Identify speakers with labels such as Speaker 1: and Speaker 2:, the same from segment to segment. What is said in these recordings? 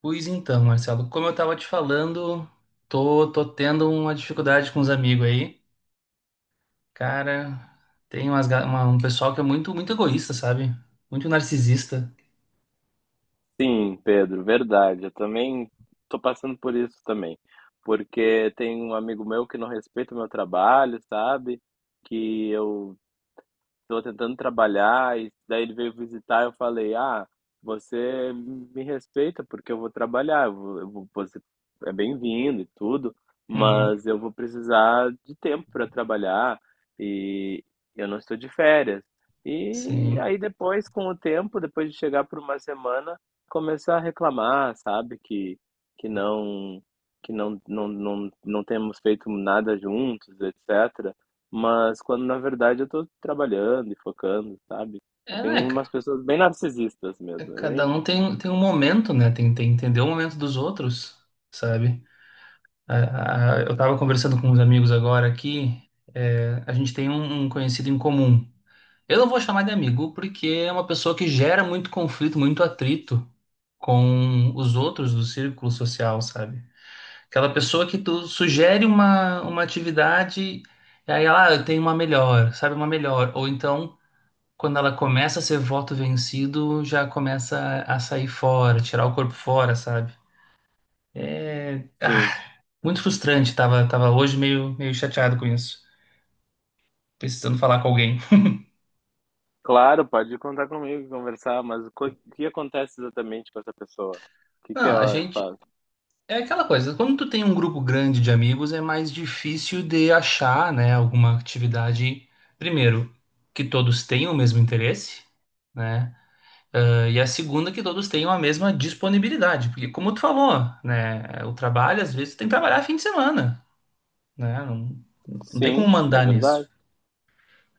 Speaker 1: Pois então, Marcelo, como eu tava te falando, tô tendo uma dificuldade com os amigos aí. Cara, tem um pessoal que é muito, muito egoísta, sabe? Muito narcisista.
Speaker 2: Sim, Pedro, verdade. Eu também tô passando por isso também. Porque tem um amigo meu que não respeita o meu trabalho, sabe? Que eu tô tentando trabalhar, e daí ele veio visitar, eu falei, ah, você me respeita porque eu vou trabalhar, você é bem-vindo e tudo,
Speaker 1: Uhum,
Speaker 2: mas eu vou precisar de tempo para trabalhar e eu não estou de férias. E
Speaker 1: sim.
Speaker 2: aí depois, com o tempo, depois de chegar por uma semana, começar a reclamar, sabe, que não que não, não, não, não temos feito nada juntos, etc. Mas quando na verdade eu tô trabalhando e focando, sabe?
Speaker 1: É,
Speaker 2: Tem
Speaker 1: né, cara?
Speaker 2: umas pessoas bem narcisistas
Speaker 1: É,
Speaker 2: mesmo, é
Speaker 1: cada
Speaker 2: bem,
Speaker 1: um tem um momento, né? Tem que entender o momento dos outros, sabe? Eu tava conversando com uns amigos agora aqui. É, a gente tem um conhecido em comum. Eu não vou chamar de amigo porque é uma pessoa que gera muito conflito, muito atrito com os outros do círculo social, sabe? Aquela pessoa que tu sugere uma atividade e aí ela: ah, eu tenho uma melhor, sabe, uma melhor. Ou então, quando ela começa a ser voto vencido, já começa a sair fora, tirar o corpo fora, sabe? É,
Speaker 2: sim.
Speaker 1: muito frustrante, tava hoje meio chateado com isso, precisando falar com alguém.
Speaker 2: Claro, pode contar comigo, conversar, mas o que acontece exatamente com essa pessoa? O que que
Speaker 1: Não, a
Speaker 2: ela
Speaker 1: gente.
Speaker 2: faz?
Speaker 1: É aquela coisa, quando tu tem um grupo grande de amigos, é mais difícil de achar, né, alguma atividade, primeiro, que todos tenham o mesmo interesse, né? Ah, e a segunda, que todos tenham a mesma disponibilidade, porque como tu falou, né, o trabalho, às vezes, tu tem que trabalhar fim de semana, né? Não, não tem como
Speaker 2: Sim, é
Speaker 1: mandar
Speaker 2: verdade.
Speaker 1: nisso.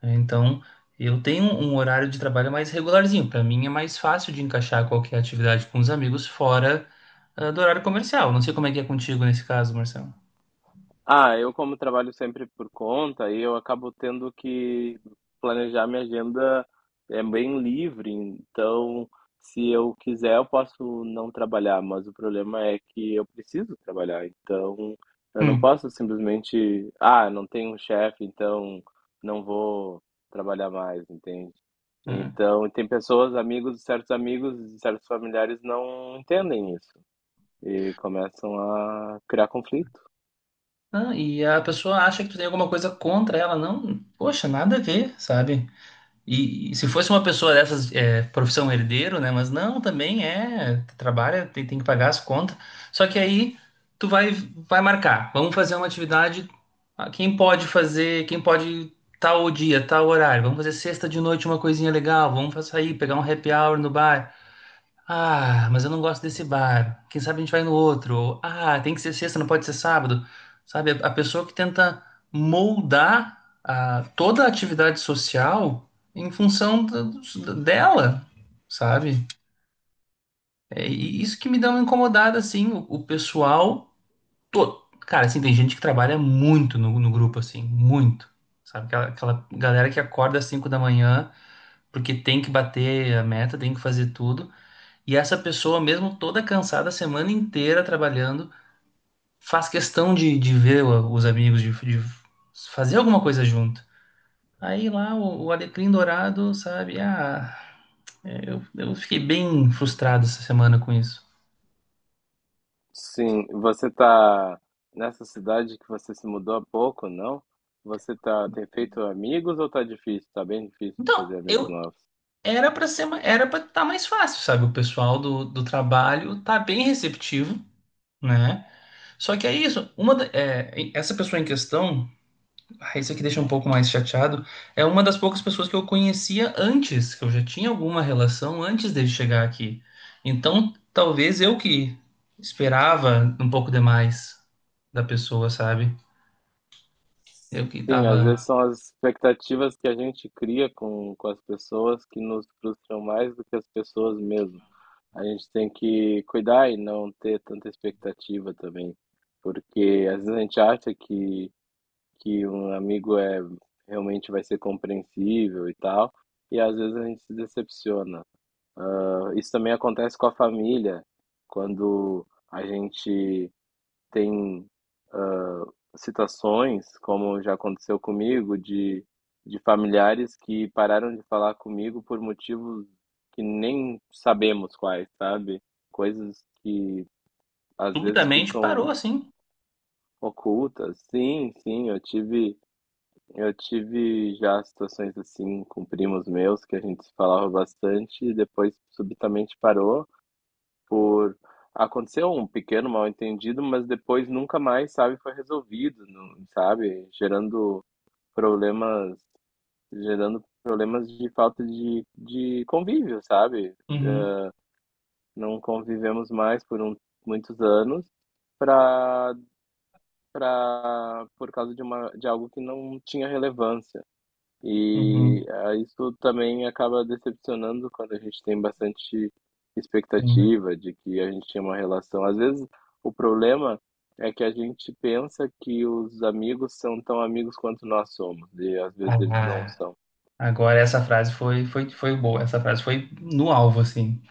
Speaker 1: Então, eu tenho um horário de trabalho mais regularzinho, para mim é mais fácil de encaixar qualquer atividade com os amigos fora, do horário comercial. Não sei como é que é contigo nesse caso, Marcelo.
Speaker 2: Ah, eu como trabalho sempre por conta, e eu acabo tendo que planejar minha agenda é bem livre, então se eu quiser eu posso não trabalhar, mas o problema é que eu preciso trabalhar, então eu não
Speaker 1: Hum,
Speaker 2: posso simplesmente, ah, não tenho um chefe, então não vou trabalhar mais, entende?
Speaker 1: hum.
Speaker 2: Então tem pessoas, amigos, certos familiares não entendem isso e começam a criar conflito.
Speaker 1: Ah, e a pessoa acha que tu tem alguma coisa contra ela, não? Poxa, nada a ver, sabe? E se fosse uma pessoa dessas, é, profissão herdeiro, né? Mas não, também é, trabalha, tem que pagar as contas. Só que aí tu vai marcar, vamos fazer uma atividade. Quem pode fazer, quem pode tal dia, tal horário, vamos fazer sexta de noite uma coisinha legal, vamos sair, pegar um happy hour no bar. Ah, mas eu não gosto desse bar. Quem sabe a gente vai no outro. Ou, tem que ser sexta, não pode ser sábado. Sabe, a pessoa que tenta moldar toda a atividade social em função dela, sabe? É, e isso que me dá uma incomodada, assim, o pessoal todo. Cara, assim, tem gente que trabalha muito no grupo, assim, muito. Sabe, aquela galera que acorda às 5 da manhã porque tem que bater a meta, tem que fazer tudo. E essa pessoa, mesmo toda cansada, a semana inteira trabalhando, faz questão de ver os amigos, de fazer alguma coisa junto. Aí lá o Alecrim Dourado, sabe? Ah, eu fiquei bem frustrado essa semana com isso.
Speaker 2: Sim, você tá nessa cidade que você se mudou há pouco, não? Você tá, tem feito amigos ou tá difícil? Tá bem difícil
Speaker 1: Então,
Speaker 2: fazer amigos
Speaker 1: eu
Speaker 2: novos.
Speaker 1: era para estar mais fácil, sabe? O pessoal do trabalho tá bem receptivo, né? Só que é isso, essa pessoa em questão. Ah, isso aqui deixa um pouco mais chateado. É uma das poucas pessoas que eu conhecia antes, que eu já tinha alguma relação antes dele chegar aqui. Então, talvez eu que esperava um pouco demais da pessoa, sabe? Eu que
Speaker 2: Sim, às vezes
Speaker 1: tava
Speaker 2: são as expectativas que a gente cria com as pessoas que nos frustram mais do que as pessoas mesmo. A gente tem que cuidar e não ter tanta expectativa também, porque às vezes a gente acha que um amigo é realmente vai ser compreensível e tal, e às vezes a gente se decepciona. Isso também acontece com a família, quando a gente tem situações, como já aconteceu comigo, de familiares que pararam de falar comigo por motivos que nem sabemos quais, sabe? Coisas que às vezes
Speaker 1: subitamente parou
Speaker 2: ficam
Speaker 1: assim.
Speaker 2: ocultas. Sim, sim, eu tive já situações assim com primos meus que a gente se falava bastante e depois subitamente parou. Por aconteceu um pequeno mal-entendido, mas depois nunca mais, sabe, foi resolvido, não- sabe, problemas, gerando problemas de falta de convívio, sabe?
Speaker 1: Uhum,
Speaker 2: Não convivemos mais por um, muitos anos para para por causa de uma de algo que não tinha relevância. E
Speaker 1: uhum,
Speaker 2: ah, isso também acaba decepcionando quando a gente tem bastante
Speaker 1: sim.
Speaker 2: expectativa de que a gente tinha uma relação. Às vezes, o problema é que a gente pensa que os amigos são tão amigos quanto nós somos, e às vezes eles não
Speaker 1: Ah,
Speaker 2: são.
Speaker 1: agora essa frase foi, boa. Essa frase foi no alvo, assim.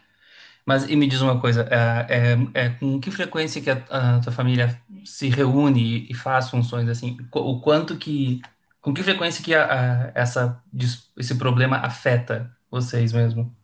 Speaker 1: Mas e me diz uma coisa, com que frequência que a tua família se reúne e faz funções assim? O quanto que, com que frequência que esse problema afeta vocês mesmo?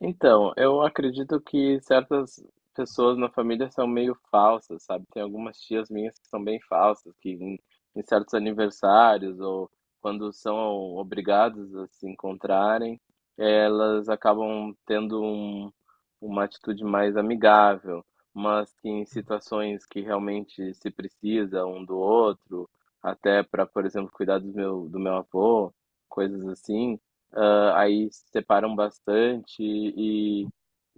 Speaker 2: Então, eu acredito que certas pessoas na família são meio falsas, sabe? Tem algumas tias minhas que são bem falsas, que em certos aniversários ou quando são obrigadas a se encontrarem, elas acabam tendo um, uma atitude mais amigável, mas que em situações que realmente se precisa um do outro, até para, por exemplo, cuidar do meu avô, coisas assim ah, aí se separam bastante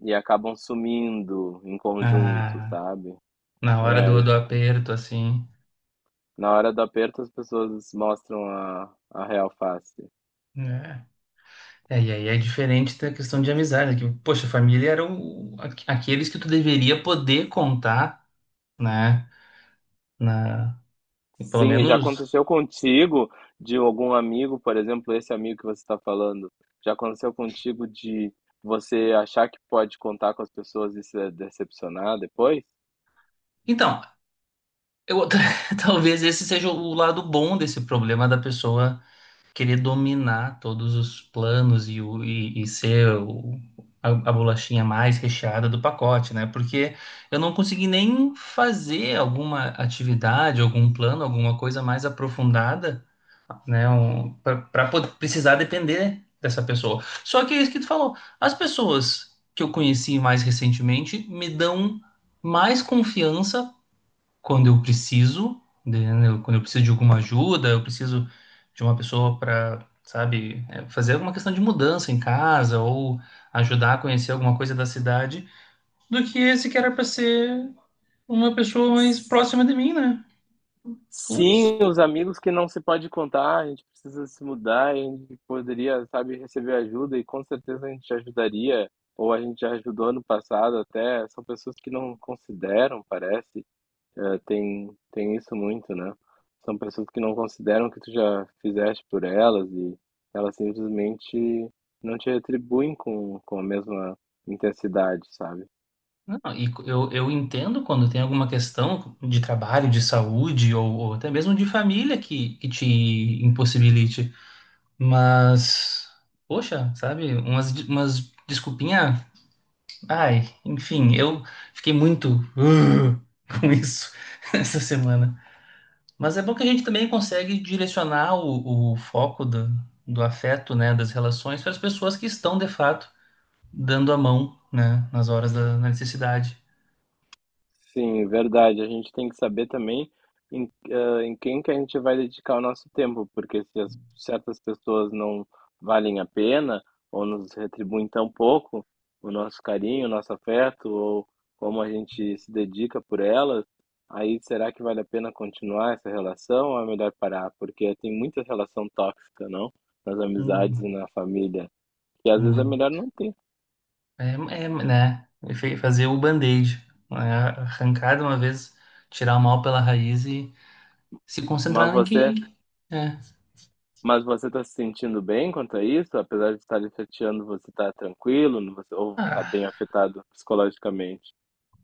Speaker 2: e acabam sumindo em conjunto,
Speaker 1: Ah,
Speaker 2: sabe?
Speaker 1: na hora
Speaker 2: É
Speaker 1: do
Speaker 2: isso.
Speaker 1: aperto, assim.
Speaker 2: Na hora do aperto, as pessoas mostram a real face.
Speaker 1: Né? É, e aí é diferente da questão de amizade, que, poxa, a família eram aqueles que tu deveria poder contar, né? Na, Pelo
Speaker 2: Sim, já
Speaker 1: menos.
Speaker 2: aconteceu contigo de algum amigo, por exemplo, esse amigo que você está falando, já aconteceu contigo de você achar que pode contar com as pessoas e se decepcionar depois?
Speaker 1: Então, Eu, talvez esse seja o lado bom desse problema da pessoa querer dominar todos os planos e ser a bolachinha mais recheada do pacote, né? Porque eu não consegui nem fazer alguma atividade, algum plano, alguma coisa mais aprofundada, né? Para precisar depender dessa pessoa. Só que é isso que tu falou. As pessoas que eu conheci mais recentemente me dão mais confiança quando eu preciso, né, quando eu preciso de alguma ajuda, eu preciso de uma pessoa para, sabe, fazer alguma questão de mudança em casa ou ajudar a conhecer alguma coisa da cidade, do que esse que era para ser uma pessoa mais próxima de mim, né? Putz,
Speaker 2: Sim, os amigos que não se pode contar, a gente precisa se mudar, a gente poderia, sabe, receber ajuda e com certeza a gente ajudaria, ou a gente já ajudou no passado até, são pessoas que não consideram, parece, eh, tem, tem isso muito, né? São pessoas que não consideram o que tu já fizeste por elas e elas simplesmente não te retribuem com a mesma intensidade, sabe?
Speaker 1: não, e eu entendo quando tem alguma questão de trabalho, de saúde ou até mesmo de família que te impossibilite, mas, poxa, sabe, umas desculpinhas. Ai, enfim, eu fiquei muito "Ugh", com isso essa semana. Mas é bom que a gente também consegue direcionar o foco do afeto, né, das relações para as pessoas que estão, de fato, dando a mão, né, nas horas da necessidade.
Speaker 2: Sim, é verdade. A gente tem que saber também em quem que a gente vai dedicar o nosso tempo, porque se as, certas pessoas não valem a pena ou nos retribuem tão pouco o nosso carinho, o nosso afeto ou como a gente se dedica por elas, aí será que vale a pena continuar essa relação ou é melhor parar? Porque tem muita relação tóxica, não? Nas amizades
Speaker 1: Hum,
Speaker 2: e na família, que às vezes é
Speaker 1: hum.
Speaker 2: melhor não ter.
Speaker 1: é, Fazer o band-aid, né, arrancar de uma vez, tirar o mal pela raiz e se
Speaker 2: Mas
Speaker 1: concentrar em quem.
Speaker 2: você
Speaker 1: É.
Speaker 2: Mas você está se sentindo bem quanto a isso? Apesar de estar lhe chateando, você está tranquilo? Você, ou está bem
Speaker 1: Ah.
Speaker 2: afetado psicologicamente?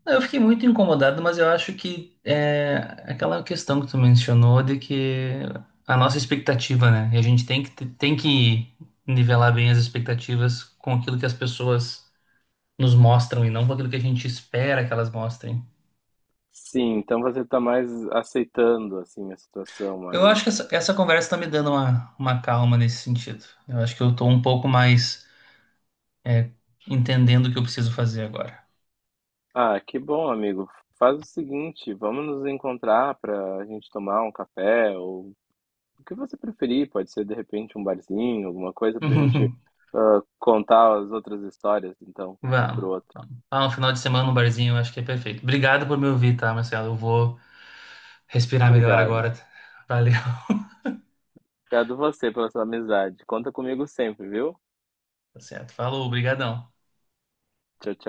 Speaker 1: Eu fiquei muito incomodado, mas eu acho que é aquela questão que tu mencionou de que a nossa expectativa, né? E a gente tem que nivelar bem as expectativas com aquilo que as pessoas nos mostram e não com aquilo que a gente espera que elas mostrem.
Speaker 2: Sim, então você está mais aceitando, assim, a situação,
Speaker 1: Eu acho
Speaker 2: mas...
Speaker 1: que essa conversa está me dando uma calma nesse sentido. Eu acho que eu tô um pouco mais é, entendendo o que eu preciso fazer agora.
Speaker 2: Ah, que bom, amigo. Faz o seguinte, vamos nos encontrar para a gente tomar um café, ou o que você preferir. Pode ser, de repente, um barzinho, alguma coisa para a gente contar as outras histórias, então, um
Speaker 1: Vamos.
Speaker 2: pro outro.
Speaker 1: Ah, um final de semana no barzinho, eu acho que é perfeito. Obrigado por me ouvir, tá, Marcelo? Eu vou. Respirar melhor
Speaker 2: Obrigado.
Speaker 1: agora. Valeu.
Speaker 2: Obrigado você pela sua amizade. Conta comigo sempre, viu?
Speaker 1: Tá certo. Falou, obrigadão.
Speaker 2: Tchau, tchau.